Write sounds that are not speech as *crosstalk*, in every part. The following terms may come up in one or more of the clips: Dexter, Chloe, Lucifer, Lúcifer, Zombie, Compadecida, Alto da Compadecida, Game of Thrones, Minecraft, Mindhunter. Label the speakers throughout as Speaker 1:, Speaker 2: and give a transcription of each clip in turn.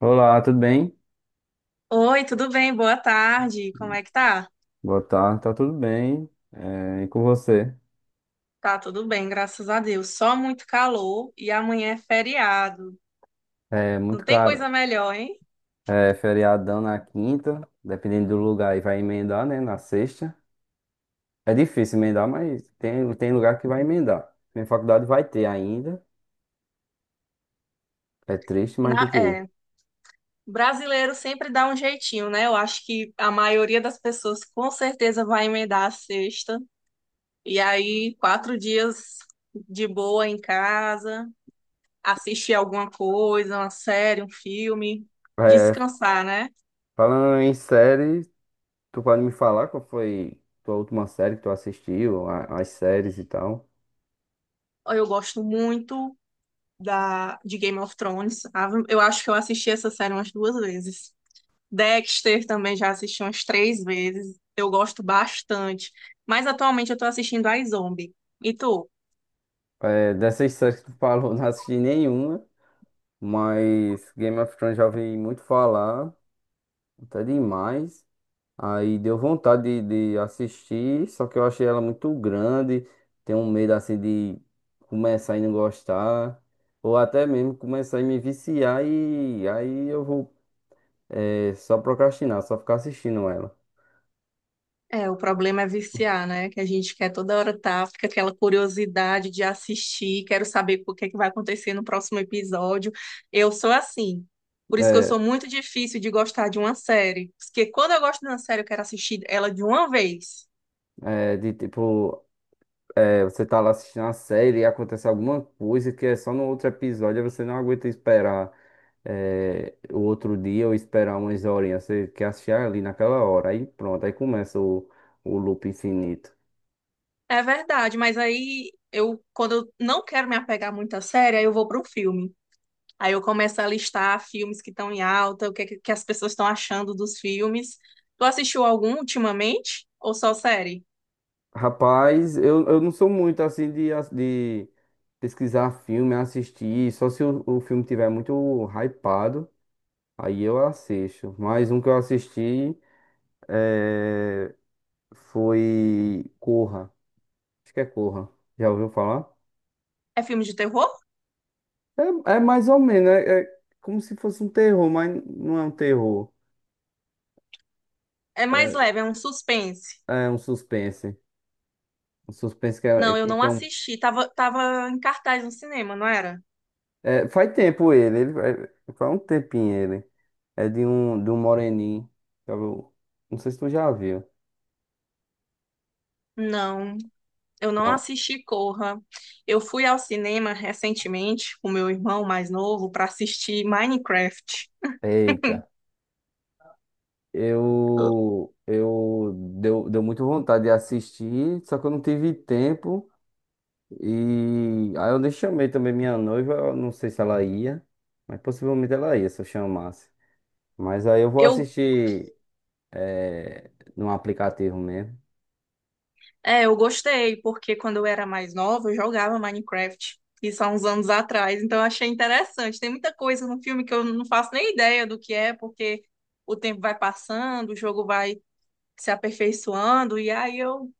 Speaker 1: Olá, tudo bem?
Speaker 2: Oi, tudo bem? Boa tarde. Como é que tá?
Speaker 1: Boa tarde, tá tudo bem. E com você?
Speaker 2: Tá tudo bem, graças a Deus. Só muito calor e amanhã é feriado.
Speaker 1: É
Speaker 2: Não
Speaker 1: muito
Speaker 2: tem
Speaker 1: caro.
Speaker 2: coisa melhor, hein?
Speaker 1: É feriadão na quinta, dependendo do lugar, aí vai emendar, né? Na sexta. É difícil emendar, mas tem lugar que vai emendar. Minha faculdade vai ter ainda. É triste, mas tem
Speaker 2: Na-
Speaker 1: que ir.
Speaker 2: é, Brasileiro sempre dá um jeitinho, né? Eu acho que a maioria das pessoas com certeza vai emendar a sexta. E aí, 4 dias de boa em casa, assistir alguma coisa, uma série, um filme,
Speaker 1: É,
Speaker 2: descansar, né?
Speaker 1: falando em série, tu pode me falar qual foi tua última série que tu assistiu, as séries e tal?
Speaker 2: Eu gosto muito. Da, de Game of Thrones. Ah, eu acho que eu assisti essa série umas 2 vezes. Dexter também já assisti umas 3 vezes. Eu gosto bastante. Mas atualmente eu tô assistindo a Zombie. E tu?
Speaker 1: É, dessas séries que tu falou, *laughs* não assisti nenhuma, mas Game of Thrones já ouvi muito falar. Até demais. Aí deu vontade de assistir, só que eu achei ela muito grande. Tenho um medo assim de começar e não gostar. Ou até mesmo começar e me viciar e aí eu vou só procrastinar, só ficar assistindo ela.
Speaker 2: É, o problema é viciar, né? Que a gente quer toda hora tá, fica aquela curiosidade de assistir, quero saber o que é que vai acontecer no próximo episódio. Eu sou assim. Por isso que eu sou
Speaker 1: É,
Speaker 2: muito difícil de gostar de uma série. Porque quando eu gosto de uma série, eu quero assistir ela de uma vez.
Speaker 1: é de tipo. É, você tá lá assistindo a série e acontece alguma coisa que é só no outro episódio, aí você não aguenta esperar o outro dia ou esperar umas horinhas. Você quer assistir ali naquela hora. Aí pronto, aí começa o loop infinito.
Speaker 2: É verdade, mas aí quando eu não quero me apegar muito à série, aí eu vou para um filme. Aí eu começo a listar filmes que estão em alta, é que as pessoas estão achando dos filmes. Tu assistiu algum ultimamente? Ou só série?
Speaker 1: Rapaz, eu não sou muito assim de, de pesquisar filme, assistir, só se o filme tiver muito hypado, aí eu assisto. Mas um que eu assisti é, foi Corra. Acho que é Corra. Já ouviu falar?
Speaker 2: É filme de terror?
Speaker 1: É, é mais ou menos, é como se fosse um terror, mas não é um terror.
Speaker 2: É mais leve, é um suspense.
Speaker 1: É, é um suspense. Um suspense que, é
Speaker 2: Não, eu
Speaker 1: que
Speaker 2: não
Speaker 1: tem um.
Speaker 2: assisti. Tava em cartaz no cinema, não era?
Speaker 1: Faz tempo ele faz um tempinho ele. É de um moreninho. Sabe? Não sei se tu já viu.
Speaker 2: Não, eu não
Speaker 1: Pronto.
Speaker 2: assisti Corra. Eu fui ao cinema recentemente com meu irmão mais novo para assistir Minecraft. *laughs*
Speaker 1: Eita. Eu deu muito vontade de assistir, só que eu não tive tempo. E aí eu nem chamei também minha noiva, eu não sei se ela ia, mas possivelmente ela ia se eu chamasse. Mas aí eu vou
Speaker 2: Eu
Speaker 1: assistir é, num aplicativo mesmo.
Speaker 2: É, eu gostei, porque quando eu era mais nova, eu jogava Minecraft. Isso há uns anos atrás, então eu achei interessante. Tem muita coisa no filme que eu não faço nem ideia do que é, porque o tempo vai passando, o jogo vai se aperfeiçoando, e aí eu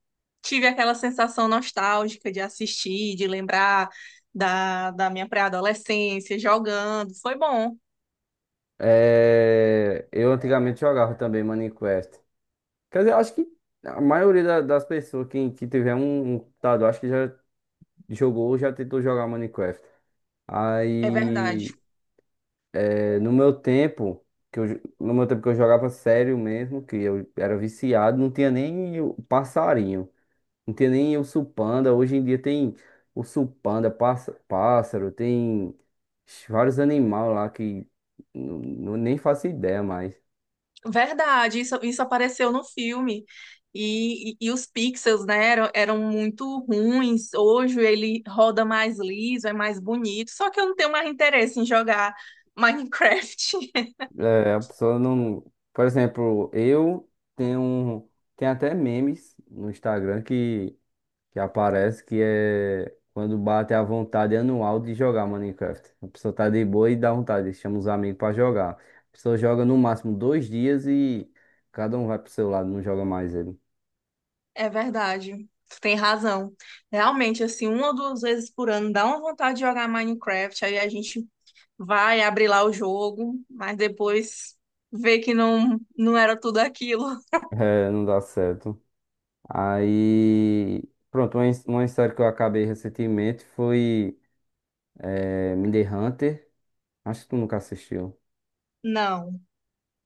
Speaker 2: tive aquela sensação nostálgica de assistir, de lembrar da minha pré-adolescência, jogando. Foi bom,
Speaker 1: É, eu antigamente jogava também Minecraft. Quer dizer, acho que a maioria das pessoas que tiver um, um computador, acho que já jogou ou já tentou jogar Minecraft.
Speaker 2: é verdade.
Speaker 1: Aí, no meu tempo, que eu, no meu tempo que eu jogava sério mesmo, que eu era viciado, não tinha nem o passarinho. Não tem nem urso panda. Hoje em dia tem urso panda, pássaro, tem vários animais lá que nem faço ideia mais.
Speaker 2: Verdade, isso apareceu no filme. E os pixels, né, eram muito ruins. Hoje ele roda mais liso, é mais bonito. Só que eu não tenho mais interesse em jogar Minecraft. *laughs*
Speaker 1: É, a pessoa não. Por exemplo, eu tenho um. Tem até memes no Instagram que aparece que é quando bate a vontade anual de jogar Minecraft. A pessoa tá de boa e dá vontade, chama os amigos pra jogar. A pessoa joga no máximo dois dias e cada um vai pro seu lado, não joga mais ele.
Speaker 2: É verdade, tu tem razão. Realmente, assim, uma ou duas vezes por ano dá uma vontade de jogar Minecraft. Aí a gente vai abrir lá o jogo, mas depois vê que não, não era tudo aquilo.
Speaker 1: É, não dá certo. Aí, pronto, uma, uma história que eu acabei recentemente foi Mindhunter. Hunter. Acho que tu nunca assistiu.
Speaker 2: Não.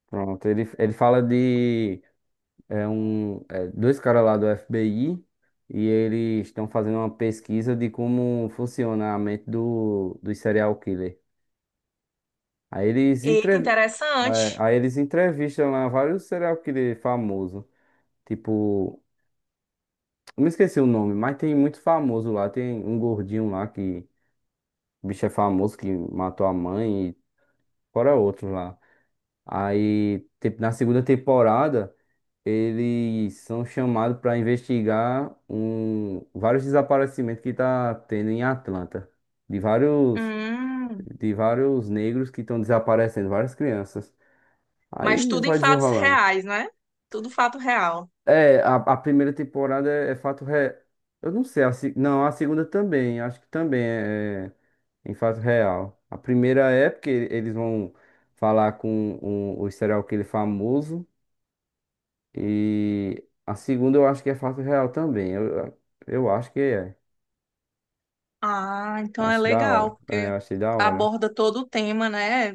Speaker 1: Pronto, ele fala de dois caras lá do FBI e eles estão fazendo uma pesquisa de como funciona a mente do, dos serial killer. Aí eles,
Speaker 2: Eita,
Speaker 1: entrev é,
Speaker 2: interessante.
Speaker 1: aí eles entrevistam lá vários serial killer famosos, tipo. Não me esqueci o nome, mas tem muito famoso lá. Tem um gordinho lá que o bicho é famoso que matou a mãe e fora outros lá. Aí, na segunda temporada, eles são chamados para investigar um, vários desaparecimentos que tá tendo em Atlanta. De vários,
Speaker 2: Hum.
Speaker 1: de vários negros que estão desaparecendo, várias crianças.
Speaker 2: Mas
Speaker 1: Aí
Speaker 2: tudo em
Speaker 1: vai
Speaker 2: fatos
Speaker 1: desenrolando.
Speaker 2: reais, né? Tudo fato real.
Speaker 1: É, a primeira temporada é, é fato real. Eu não sei, a, se- não, a segunda também, acho que também é em fato real. A primeira é porque eles vão falar com o serial killer famoso. E a segunda eu acho que é fato real também. Eu acho que é.
Speaker 2: Ah, então é
Speaker 1: Acho da hora.
Speaker 2: legal, porque
Speaker 1: É, eu achei da hora.
Speaker 2: aborda todo o tema, né?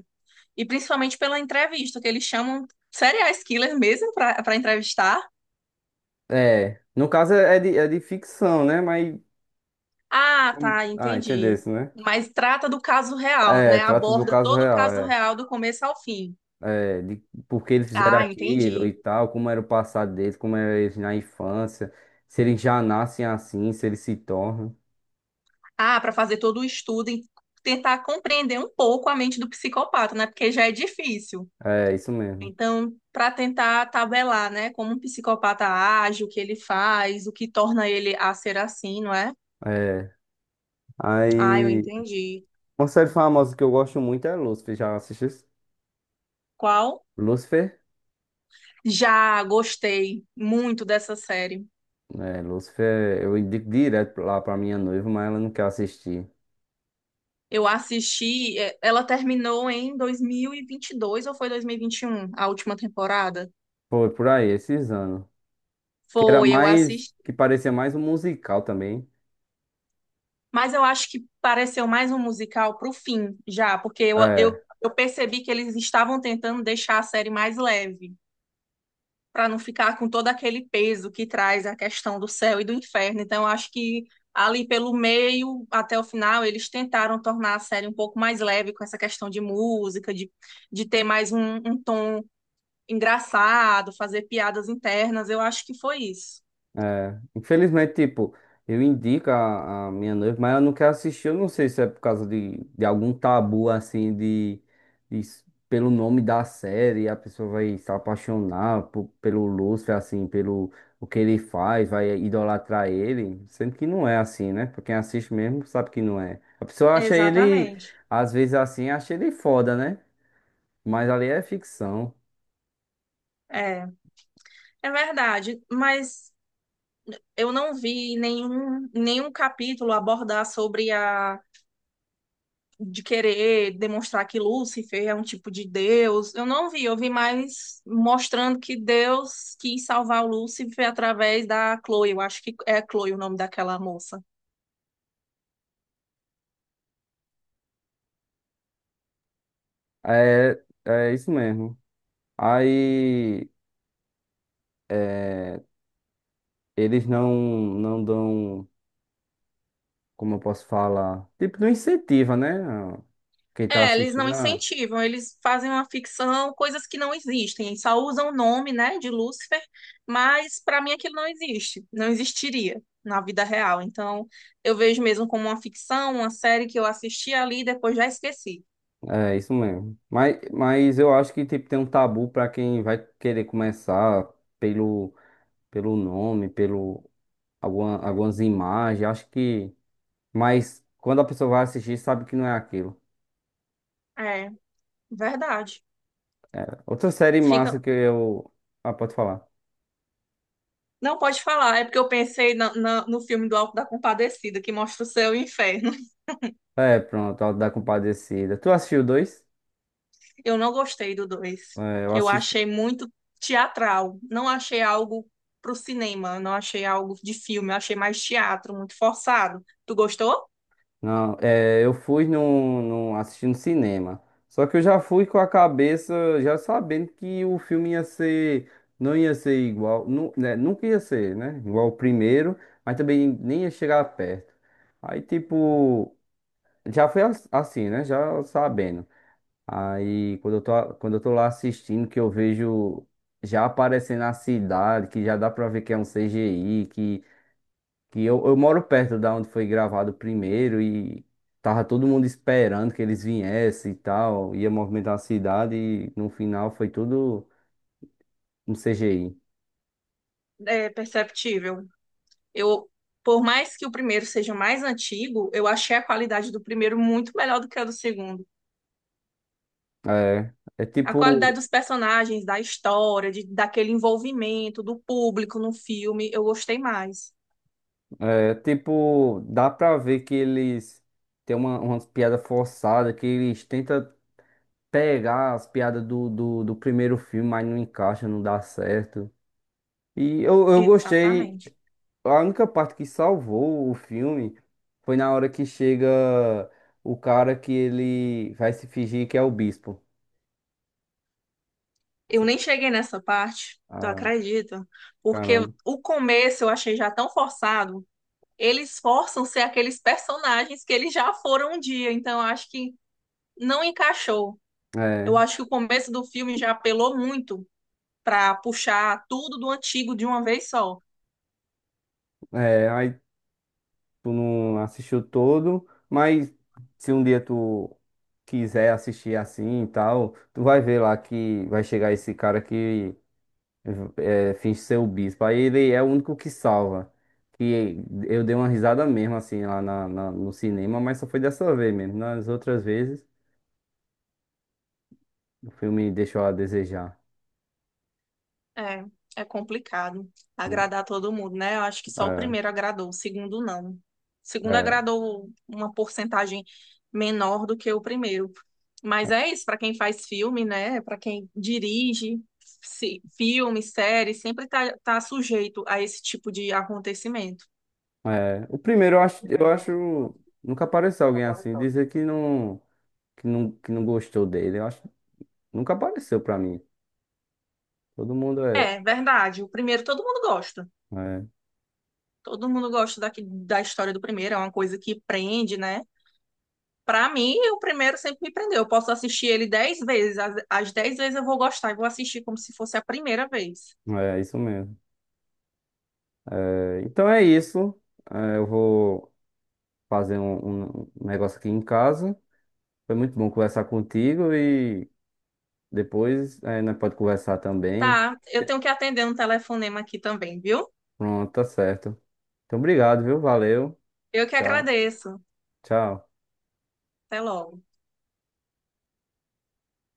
Speaker 2: E principalmente pela entrevista, que eles chamam serial killer mesmo para entrevistar.
Speaker 1: É. No caso é é de ficção, né? Mas.
Speaker 2: Ah, tá,
Speaker 1: Ah, entendeu
Speaker 2: entendi.
Speaker 1: isso, né?
Speaker 2: Mas trata do caso real,
Speaker 1: É,
Speaker 2: né?
Speaker 1: trata do
Speaker 2: Aborda
Speaker 1: caso
Speaker 2: todo o
Speaker 1: real,
Speaker 2: caso
Speaker 1: é.
Speaker 2: real do começo ao fim.
Speaker 1: É, de por que eles fizeram
Speaker 2: Ah,
Speaker 1: aquilo e
Speaker 2: entendi.
Speaker 1: tal, como era o passado deles, como eram eles na infância, se eles já nascem assim, se eles se tornam.
Speaker 2: Ah, para fazer todo o estudo e tentar compreender um pouco a mente do psicopata, né? Porque já é difícil.
Speaker 1: É, isso mesmo.
Speaker 2: Então, para tentar tabelar, né, como um psicopata age, o que ele faz, o que torna ele a ser assim, não é?
Speaker 1: É.
Speaker 2: Ah, eu
Speaker 1: Aí,
Speaker 2: entendi.
Speaker 1: uma série famosa que eu gosto muito é Lucifer. Já assistiu?
Speaker 2: Qual?
Speaker 1: Lucifer?
Speaker 2: Já gostei muito dessa série.
Speaker 1: É, Lucifer, eu indico direto lá pra minha noiva, mas ela não quer assistir.
Speaker 2: Eu assisti, ela terminou em dois mil e vinte e dois ou foi dois mil e vinte e um? A última temporada?
Speaker 1: Foi por aí, esses anos. Que era
Speaker 2: Foi, eu
Speaker 1: mais,
Speaker 2: assisti.
Speaker 1: que parecia mais um musical também.
Speaker 2: Mas eu acho que pareceu mais um musical pro fim, já, porque eu, eu,
Speaker 1: É.
Speaker 2: eu percebi que eles estavam tentando deixar a série mais leve, para não ficar com todo aquele peso que traz a questão do céu e do inferno. Então, eu acho que ali pelo meio até o final, eles tentaram tornar a série um pouco mais leve com essa questão de música, de ter mais um tom engraçado, fazer piadas internas. Eu acho que foi isso.
Speaker 1: É, infelizmente, tipo, eu indico a minha noiva, mas ela não quer assistir. Eu não sei se é por causa de algum tabu, assim, de, pelo nome da série, a pessoa vai se apaixonar pelo Lúcifer, assim, pelo o que ele faz, vai idolatrar ele, sendo que não é assim, né? Pra quem assiste mesmo sabe que não é. A pessoa acha ele,
Speaker 2: Exatamente.
Speaker 1: às vezes assim, acha ele foda, né? Mas ali é ficção.
Speaker 2: É, é verdade, mas eu não vi nenhum capítulo abordar sobre a de querer demonstrar que Lúcifer é um tipo de Deus. Eu não vi, eu vi mais mostrando que Deus quis salvar o Lúcifer através da Chloe. Eu acho que é Chloe o nome daquela moça.
Speaker 1: É, é isso mesmo. Aí. é, eles não dão, como eu posso falar, tipo, não incentiva, né? Quem tá
Speaker 2: É, eles não
Speaker 1: assistindo,
Speaker 2: incentivam, eles fazem uma ficção, coisas que não existem. Eles só usam o nome, né, de Lúcifer, mas para mim aquilo não existe, não existiria na vida real. Então, eu vejo mesmo como uma ficção, uma série que eu assisti ali e depois já esqueci.
Speaker 1: é isso mesmo. Mas eu acho que tipo, tem um tabu pra quem vai querer começar pelo, pelo nome, pelo algumas imagens. Acho que. Mas quando a pessoa vai assistir, sabe que não é aquilo.
Speaker 2: É, verdade.
Speaker 1: Outra série massa
Speaker 2: Fica,
Speaker 1: que eu. Ah, pode falar.
Speaker 2: não pode falar, é porque eu pensei no filme do Alto da Compadecida, que mostra o céu e o inferno. *laughs*
Speaker 1: É, pronto, a da Compadecida. Tu assistiu dois?
Speaker 2: Eu não gostei do dois.
Speaker 1: É, eu
Speaker 2: Eu
Speaker 1: assisti.
Speaker 2: achei muito teatral. Não achei algo pro cinema, não achei algo de filme, eu achei mais teatro, muito forçado. Tu gostou?
Speaker 1: Não, é, eu fui assistindo cinema. Só que eu já fui com a cabeça, já sabendo que o filme ia ser, não ia ser igual, né, nunca ia ser, né? Igual o primeiro, mas também nem ia chegar perto. Aí, tipo, já foi assim, né? Já sabendo. Aí, quando eu tô lá assistindo, que eu vejo já aparecendo a cidade, que já dá pra ver que é um CGI, que eu moro perto da onde foi gravado o primeiro e tava todo mundo esperando que eles viessem e tal, ia movimentar a cidade e no final foi tudo um CGI.
Speaker 2: É perceptível. Eu, por mais que o primeiro seja mais antigo, eu achei a qualidade do primeiro muito melhor do que a do segundo.
Speaker 1: É, é
Speaker 2: A
Speaker 1: tipo,
Speaker 2: qualidade dos personagens, da história, daquele envolvimento do público no filme, eu gostei mais.
Speaker 1: é tipo, dá pra ver que eles têm uma, umas piadas forçadas, que eles tentam pegar as piadas do primeiro filme, mas não encaixa, não dá certo. E eu gostei.
Speaker 2: Exatamente.
Speaker 1: A única parte que salvou o filme foi na hora que chega o cara que ele vai se fingir que é o bispo.
Speaker 2: Eu nem cheguei nessa parte, tu
Speaker 1: Ah,
Speaker 2: acredita? Porque
Speaker 1: caramba.
Speaker 2: o começo eu achei já tão forçado. Eles forçam ser aqueles personagens que eles já foram um dia, então eu acho que não encaixou. Eu
Speaker 1: É,
Speaker 2: acho que o começo do filme já apelou muito para puxar tudo do antigo de uma vez só.
Speaker 1: aí tu não assistiu todo, mas se um dia tu quiser assistir assim e tal, tu vai ver lá que vai chegar esse cara que finge ser o bispo. Aí ele é o único que salva. Que eu dei uma risada mesmo assim lá no cinema, mas só foi dessa vez mesmo. Nas outras vezes. O filme deixou a desejar.
Speaker 2: É, é complicado
Speaker 1: Hum.
Speaker 2: agradar todo mundo, né? Eu acho que só o
Speaker 1: É,
Speaker 2: primeiro agradou, o segundo não. O segundo
Speaker 1: é,
Speaker 2: agradou uma porcentagem menor do que o primeiro. Mas é isso, para quem faz filme, né? Para quem dirige filme, série, sempre tá sujeito a esse tipo de acontecimento.
Speaker 1: é. O primeiro eu acho nunca apareceu alguém assim dizer que não gostou dele. Eu acho nunca apareceu pra mim. Todo mundo
Speaker 2: É, verdade. O primeiro todo mundo gosta.
Speaker 1: é,
Speaker 2: Todo mundo gosta daqui, da história do primeiro, é uma coisa que prende, né? Pra mim, o primeiro sempre me prendeu. Eu posso assistir ele 10 vezes. As 10 vezes eu vou gostar e vou assistir como se fosse a primeira vez.
Speaker 1: é isso mesmo. É, então é isso. É, eu vou fazer um, um negócio aqui em casa. Foi muito bom conversar contigo e depois é, nós pode conversar também.
Speaker 2: Tá, eu tenho que atender um telefonema aqui também, viu?
Speaker 1: Pronto, tá certo. Então obrigado, viu? Valeu.
Speaker 2: Eu que
Speaker 1: Tchau,
Speaker 2: agradeço.
Speaker 1: tchau.
Speaker 2: Até logo.